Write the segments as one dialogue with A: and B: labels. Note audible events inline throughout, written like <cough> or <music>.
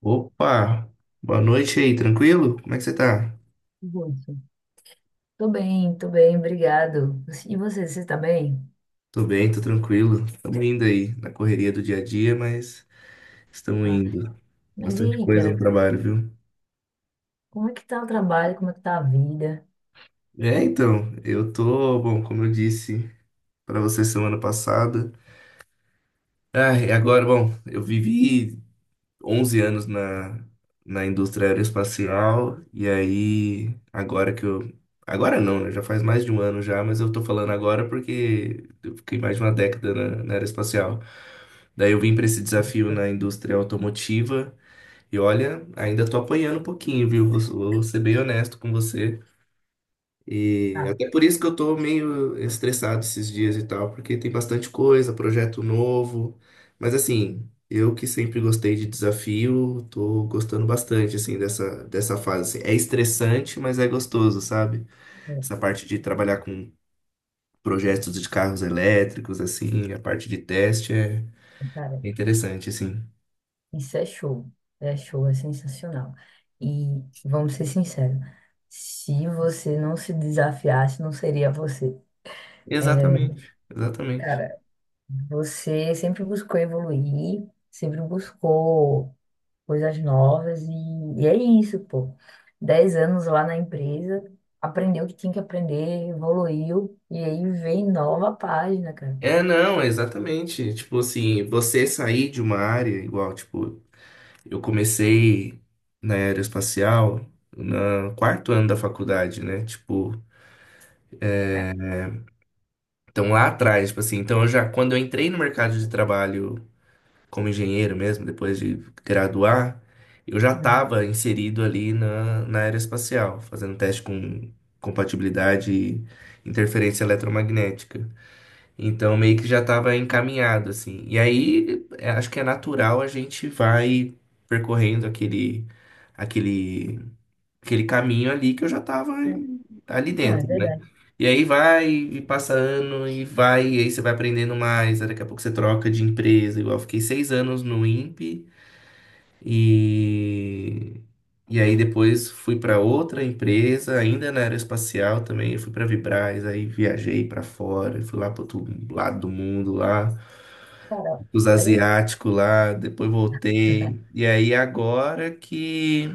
A: Opa, boa noite aí, tranquilo? Como é que você tá?
B: Russo. Tô bem, obrigado. E você, tá bem?
A: Tô bem, tô tranquilo. Estamos indo aí na correria do dia a dia, mas estamos
B: Ah,
A: indo.
B: mas e
A: Bastante
B: aí,
A: coisa
B: cara,
A: no trabalho, viu?
B: como é que tá o trabalho, como é que tá a vida?
A: Eu tô, bom, como eu disse pra você semana passada. E agora, bom, eu vivi 11 anos na indústria aeroespacial, e aí, agora que eu. Agora não, né? Já faz mais de um ano já, mas eu tô falando agora porque eu fiquei mais de uma década na aeroespacial. Daí eu vim para esse desafio na indústria automotiva, e olha, ainda tô apanhando um pouquinho, viu? Vou ser bem honesto com você. E
B: Ah,
A: até por isso que eu tô meio estressado esses dias e tal, porque tem bastante coisa, projeto novo. Mas assim, eu que sempre gostei de desafio, tô gostando bastante assim dessa fase. Assim. É estressante, mas é gostoso, sabe?
B: é,
A: Essa parte de trabalhar com projetos de carros elétricos assim, a parte de teste é
B: cara,
A: interessante assim.
B: isso é show, é show, é sensacional. E vamos ser sinceros, se você não se desafiasse, não seria você.
A: Exatamente, exatamente.
B: Cara, você sempre buscou evoluir, sempre buscou coisas novas e é isso, pô. 10 anos lá na empresa, aprendeu o que tinha que aprender, evoluiu, e aí vem nova página, cara.
A: É, não, exatamente. Tipo assim, você sair de uma área igual, tipo, eu comecei na aeroespacial no quarto ano da faculdade, né? Tipo,
B: É,
A: então lá atrás, tipo assim, então eu já, quando eu entrei no mercado de trabalho como engenheiro mesmo, depois de graduar, eu já
B: não,
A: estava inserido ali na aeroespacial, fazendo teste com compatibilidade e interferência eletromagnética. Então meio que já estava encaminhado, assim. E aí, é, acho que é natural a gente vai percorrendo aquele aquele caminho ali que eu já tava
B: é
A: ali
B: não, é
A: dentro, né?
B: verdade.
A: E aí vai e passa ano e vai, e aí você vai aprendendo mais, aí daqui a pouco você troca de empresa, igual eu fiquei seis anos no INPE e. E aí depois fui para outra empresa, ainda na aeroespacial também, eu fui para Vibraz, aí viajei para fora, fui lá para outro lado do mundo lá,
B: Cara,
A: os
B: olha aí.
A: asiáticos lá, depois voltei.
B: <laughs>
A: E aí agora que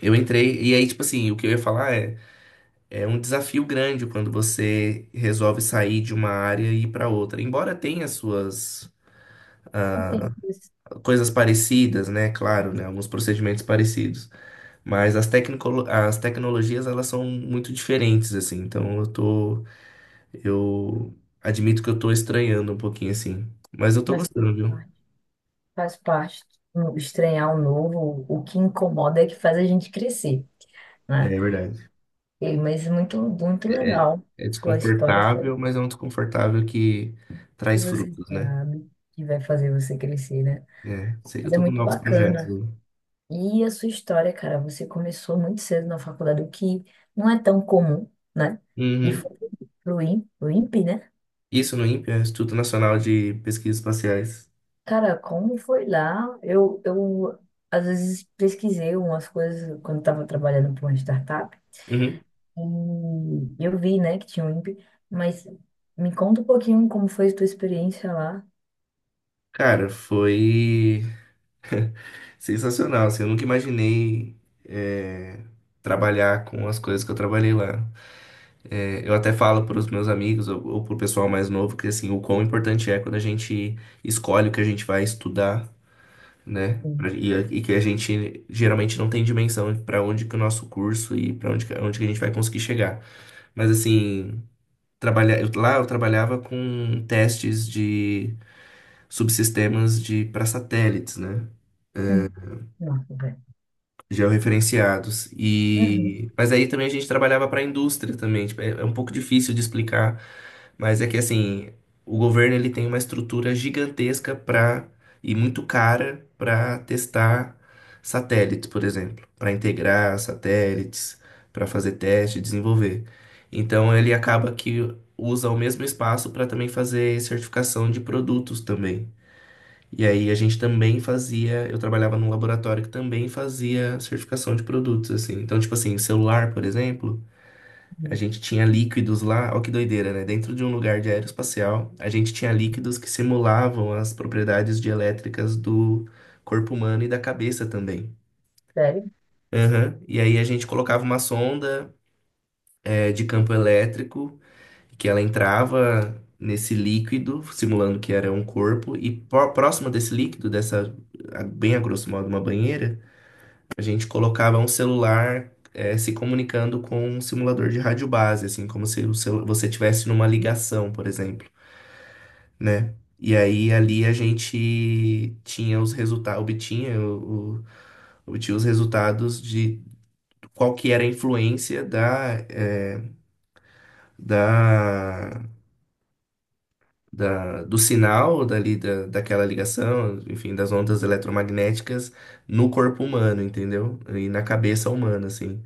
A: eu entrei, e aí tipo assim, o que eu ia falar é é um desafio grande quando você resolve sair de uma área e ir para outra. Embora tenha suas
B: Não tem isso,
A: coisas parecidas, né? Claro, né? Alguns procedimentos parecidos. As tecnologias, elas são muito diferentes, assim. Então, eu tô... Eu admito que eu tô estranhando um pouquinho, assim. Mas eu tô
B: mas faz
A: gostando,
B: parte.
A: viu?
B: Faz parte. Estranhar o novo, o que incomoda é que faz a gente crescer,
A: É,
B: né?
A: é verdade.
B: Mas muito, muito
A: É, é-
B: legal
A: É
B: sua história, sabe?
A: desconfortável, mas é um desconfortável que
B: Que
A: traz
B: você
A: frutos, né?
B: sabe que vai fazer você crescer, né?
A: É, sei que eu
B: Mas é
A: tô com
B: muito
A: novos projetos,
B: bacana.
A: né?
B: E a sua história, cara, você começou muito cedo na faculdade, o que não é tão comum, né? E
A: Uhum.
B: foi pro INPE, né?
A: Isso no INPE, né? Instituto Nacional de Pesquisas Espaciais.
B: Cara, como foi lá? Eu às vezes pesquisei umas coisas quando estava trabalhando para uma startup
A: Uhum.
B: e eu vi, né, que tinha o INPE, mas me conta um pouquinho como foi a tua experiência lá.
A: Cara, foi <laughs> sensacional, assim, eu nunca imaginei, é, trabalhar com as coisas que eu trabalhei lá. É, eu até falo para os meus amigos ou para o pessoal mais novo que assim, o quão importante é quando a gente escolhe o que a gente vai estudar, né?
B: Hum,
A: E que a gente geralmente não tem dimensão para onde que o nosso curso e para onde, onde que a gente vai conseguir chegar. Mas assim, trabalhar, lá eu trabalhava com testes de subsistemas de para satélites, né?
B: hum. Nossa, velho.
A: Georreferenciados.
B: Uhum,
A: E mas aí também a gente trabalhava para a indústria também, tipo, é é um pouco difícil de explicar, mas é que assim, o governo ele tem uma estrutura gigantesca para e muito cara para testar satélites, por exemplo, para integrar satélites, para fazer teste, desenvolver. Então ele acaba que usa o mesmo espaço para também fazer certificação de produtos também. E aí a gente também fazia, eu trabalhava num laboratório que também fazia certificação de produtos, assim. Então, tipo assim, celular, por exemplo, a
B: uhum.
A: gente tinha líquidos lá, ó que doideira, né? Dentro de um lugar de aeroespacial, a gente tinha líquidos que simulavam as propriedades dielétricas do corpo humano e da cabeça também.
B: Sério?
A: Aham. E aí a gente colocava uma sonda, de campo elétrico que ela entrava nesse líquido, simulando que era um corpo, e próximo desse líquido, dessa, bem a grosso modo, uma banheira, a gente colocava um celular, se comunicando com um simulador de rádio base, assim, como se o você tivesse numa ligação, por exemplo, né? E aí ali a gente tinha os resultados, obtinha, obtinha os resultados de qual que era a influência da, eh, da da, do sinal dali, daquela ligação, enfim, das ondas eletromagnéticas no corpo humano, entendeu? E na cabeça humana, assim.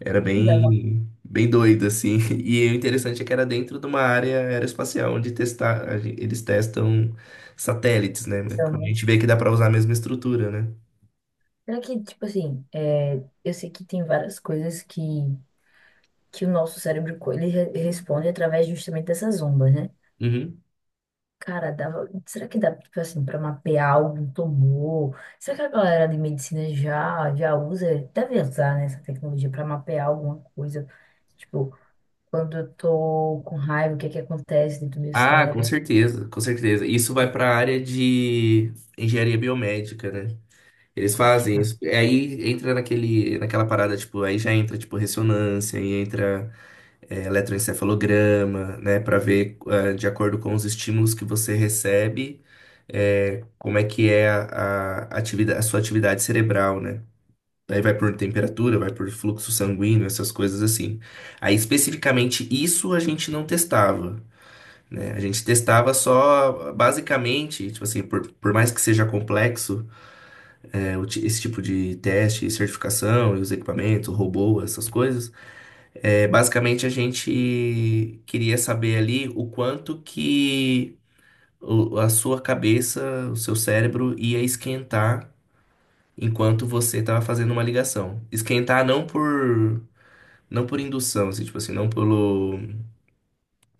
A: Era
B: Dá uma-
A: bem, bem doido, assim. <laughs> E o interessante é que era dentro de uma área aeroespacial, onde testar, eles testam satélites, né? Como a
B: dá
A: gente vê que dá para usar a mesma estrutura, né?
B: Será que, tipo assim, é, eu sei que tem várias coisas que o nosso cérebro ele responde através justamente dessas ondas, né?
A: Uhum.
B: Cara, dava, será que dá, tipo assim, para mapear algum tumor? Será que a galera de medicina já, já usa, deve usar, né, essa tecnologia para mapear alguma coisa? Tipo, quando eu tô com raiva, o que é que acontece dentro do meu
A: Ah, com
B: cérebro?
A: certeza, com certeza. Isso vai para a área de engenharia biomédica, né? Eles
B: Que
A: fazem
B: mais?
A: isso. Aí entra naquela parada, tipo, aí já entra, tipo, ressonância, aí entra, eletroencefalograma, né, para ver, de acordo com os estímulos que você recebe, como é que é atividade, a sua atividade cerebral, né? Aí vai por temperatura, vai por fluxo sanguíneo, essas coisas assim. Aí, especificamente, isso a gente não testava, né? A gente testava só, basicamente, tipo assim, por mais que seja complexo, é, esse tipo de teste, certificação, e os equipamentos, robô, essas coisas. É, basicamente, a gente queria saber ali o quanto que a sua cabeça, o seu cérebro ia esquentar enquanto você estava fazendo uma ligação. Esquentar não por não por indução, assim, tipo assim, não pelo,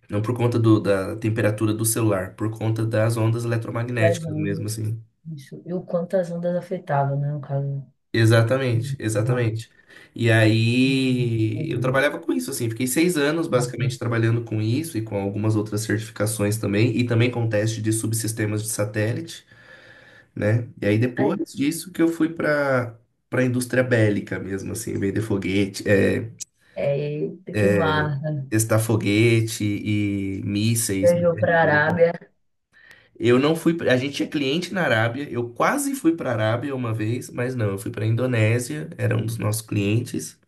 A: não por conta da temperatura do celular, por conta das ondas
B: As
A: eletromagnéticas mesmo,
B: ondas.
A: assim.
B: Isso. E o quanto as ondas afetavam, né, no caso.
A: Exatamente, exatamente. E
B: Uhum.
A: aí eu
B: Uhum.
A: trabalhava com isso, assim, fiquei seis anos
B: Nossa.
A: basicamente trabalhando com isso e com algumas outras certificações também, e também com teste de subsistemas de satélite, né? E aí
B: Ai,
A: depois disso que eu fui para para a indústria bélica mesmo, assim, vender foguete,
B: é, eita, que
A: é,
B: massa.
A: testar foguete e mísseis
B: Viajou para a
A: bélicos.
B: Arábia.
A: Eu não fui, a gente tinha cliente na Arábia, eu quase fui para a Arábia uma vez, mas não, eu fui para a Indonésia, era um dos nossos clientes.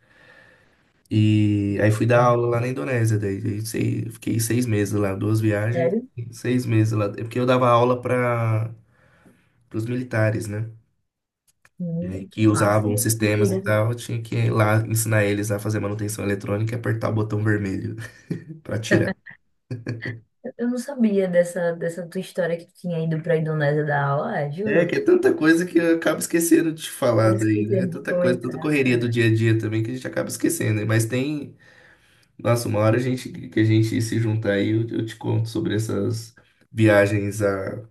A: E aí fui dar aula lá na Indonésia, fiquei seis meses lá, duas viagens,
B: Sério?
A: e seis meses lá. É porque eu dava aula para os militares, né? E aí
B: Que
A: que
B: massa, eu
A: usavam
B: não sabia
A: sistemas e tal, eu tinha que ir lá ensinar eles a fazer manutenção eletrônica e apertar o botão vermelho <laughs> para tirar.
B: Eu não sabia dessa tua história que tu tinha ido pra Indonésia dar aula, é,
A: É que
B: juro.
A: é tanta coisa que eu acabo esquecendo de te falar
B: Tava
A: daí, né? É
B: esquecendo de
A: tanta coisa, tanta
B: comentar,
A: correria do
B: cara.
A: dia a dia também que a gente acaba esquecendo, né? Mas tem, nossa, uma hora a gente, que a gente se juntar aí, eu te conto sobre essas viagens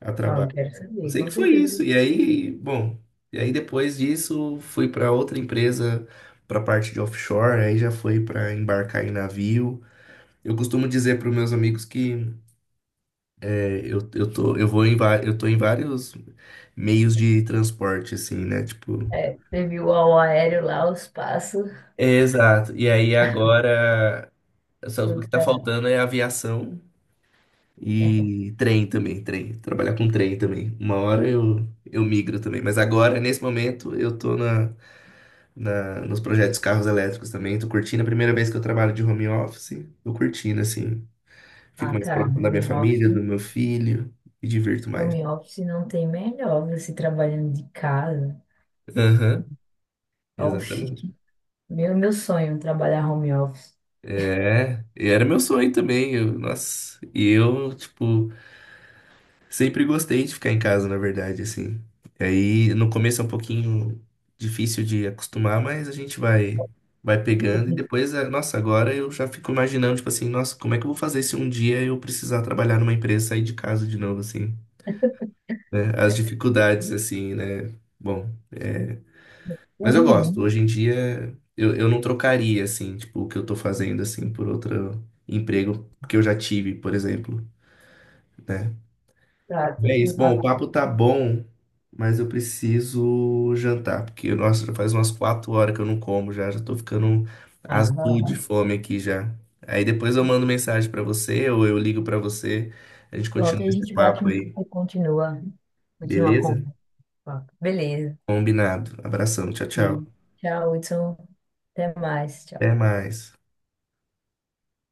A: a
B: Não, eu
A: trabalho.
B: quero
A: Eu
B: saber,
A: sei
B: com
A: que foi
B: certeza
A: isso.
B: eu
A: E
B: quero saber.
A: aí, bom, e aí depois disso fui para outra empresa para parte de offshore, aí já foi para embarcar em navio. Eu costumo dizer para os meus amigos que eu tô, eu tô em vários meios de transporte, assim, né? Tipo,
B: É, teve o ao aéreo lá, os passos.
A: é, exato. E aí agora, só o
B: Foi
A: que tá
B: pra...
A: faltando é aviação
B: <laughs>
A: e trem também, trem. Trabalhar com trem também. Uma hora eu migro também. Mas agora, nesse momento, eu tô nos projetos carros elétricos também. Tô curtindo. A primeira vez que eu trabalho de home office, tô curtindo, assim. Fico
B: Ah,
A: mais
B: cara,
A: próximo da minha
B: home
A: família, do
B: office.
A: meu filho, me divirto mais.
B: Home office não tem melhor, você trabalhando de casa.
A: Aham,
B: Oxi,
A: exatamente.
B: meu sonho, é trabalhar home office.
A: É, e era meu sonho também. Eu, nossa, e eu, tipo, Sempre gostei de ficar em casa, na verdade, assim. E aí, no começo é um pouquinho difícil de acostumar, mas a gente vai pegando e
B: O
A: depois, nossa, agora eu já fico imaginando, tipo assim, nossa, como é que eu vou fazer se um dia eu precisar trabalhar numa empresa e sair de casa de novo, assim, né? As dificuldades, assim, né? Bom, é... mas eu gosto.
B: ruim,
A: Hoje em dia, eu não trocaria, assim, tipo, o que eu tô fazendo, assim, por outro emprego que eu já tive, por exemplo, né?
B: tá?
A: E é
B: No
A: isso.
B: tá.
A: Bom, o papo tá bom, mas eu preciso jantar, porque, nossa, já faz umas quatro horas que eu não como já, já tô ficando
B: Ah, vai
A: azul de
B: lá.
A: fome aqui já. Aí depois eu mando mensagem pra você ou eu ligo pra você, a gente
B: Pronto,
A: continua
B: aí a
A: esse
B: gente bate
A: papo
B: um
A: aí,
B: papo e continua. Continua a
A: beleza?
B: conversa. Beleza.
A: Combinado. Abração, tchau, tchau.
B: E tchau, Hudson. Até mais.
A: Até mais.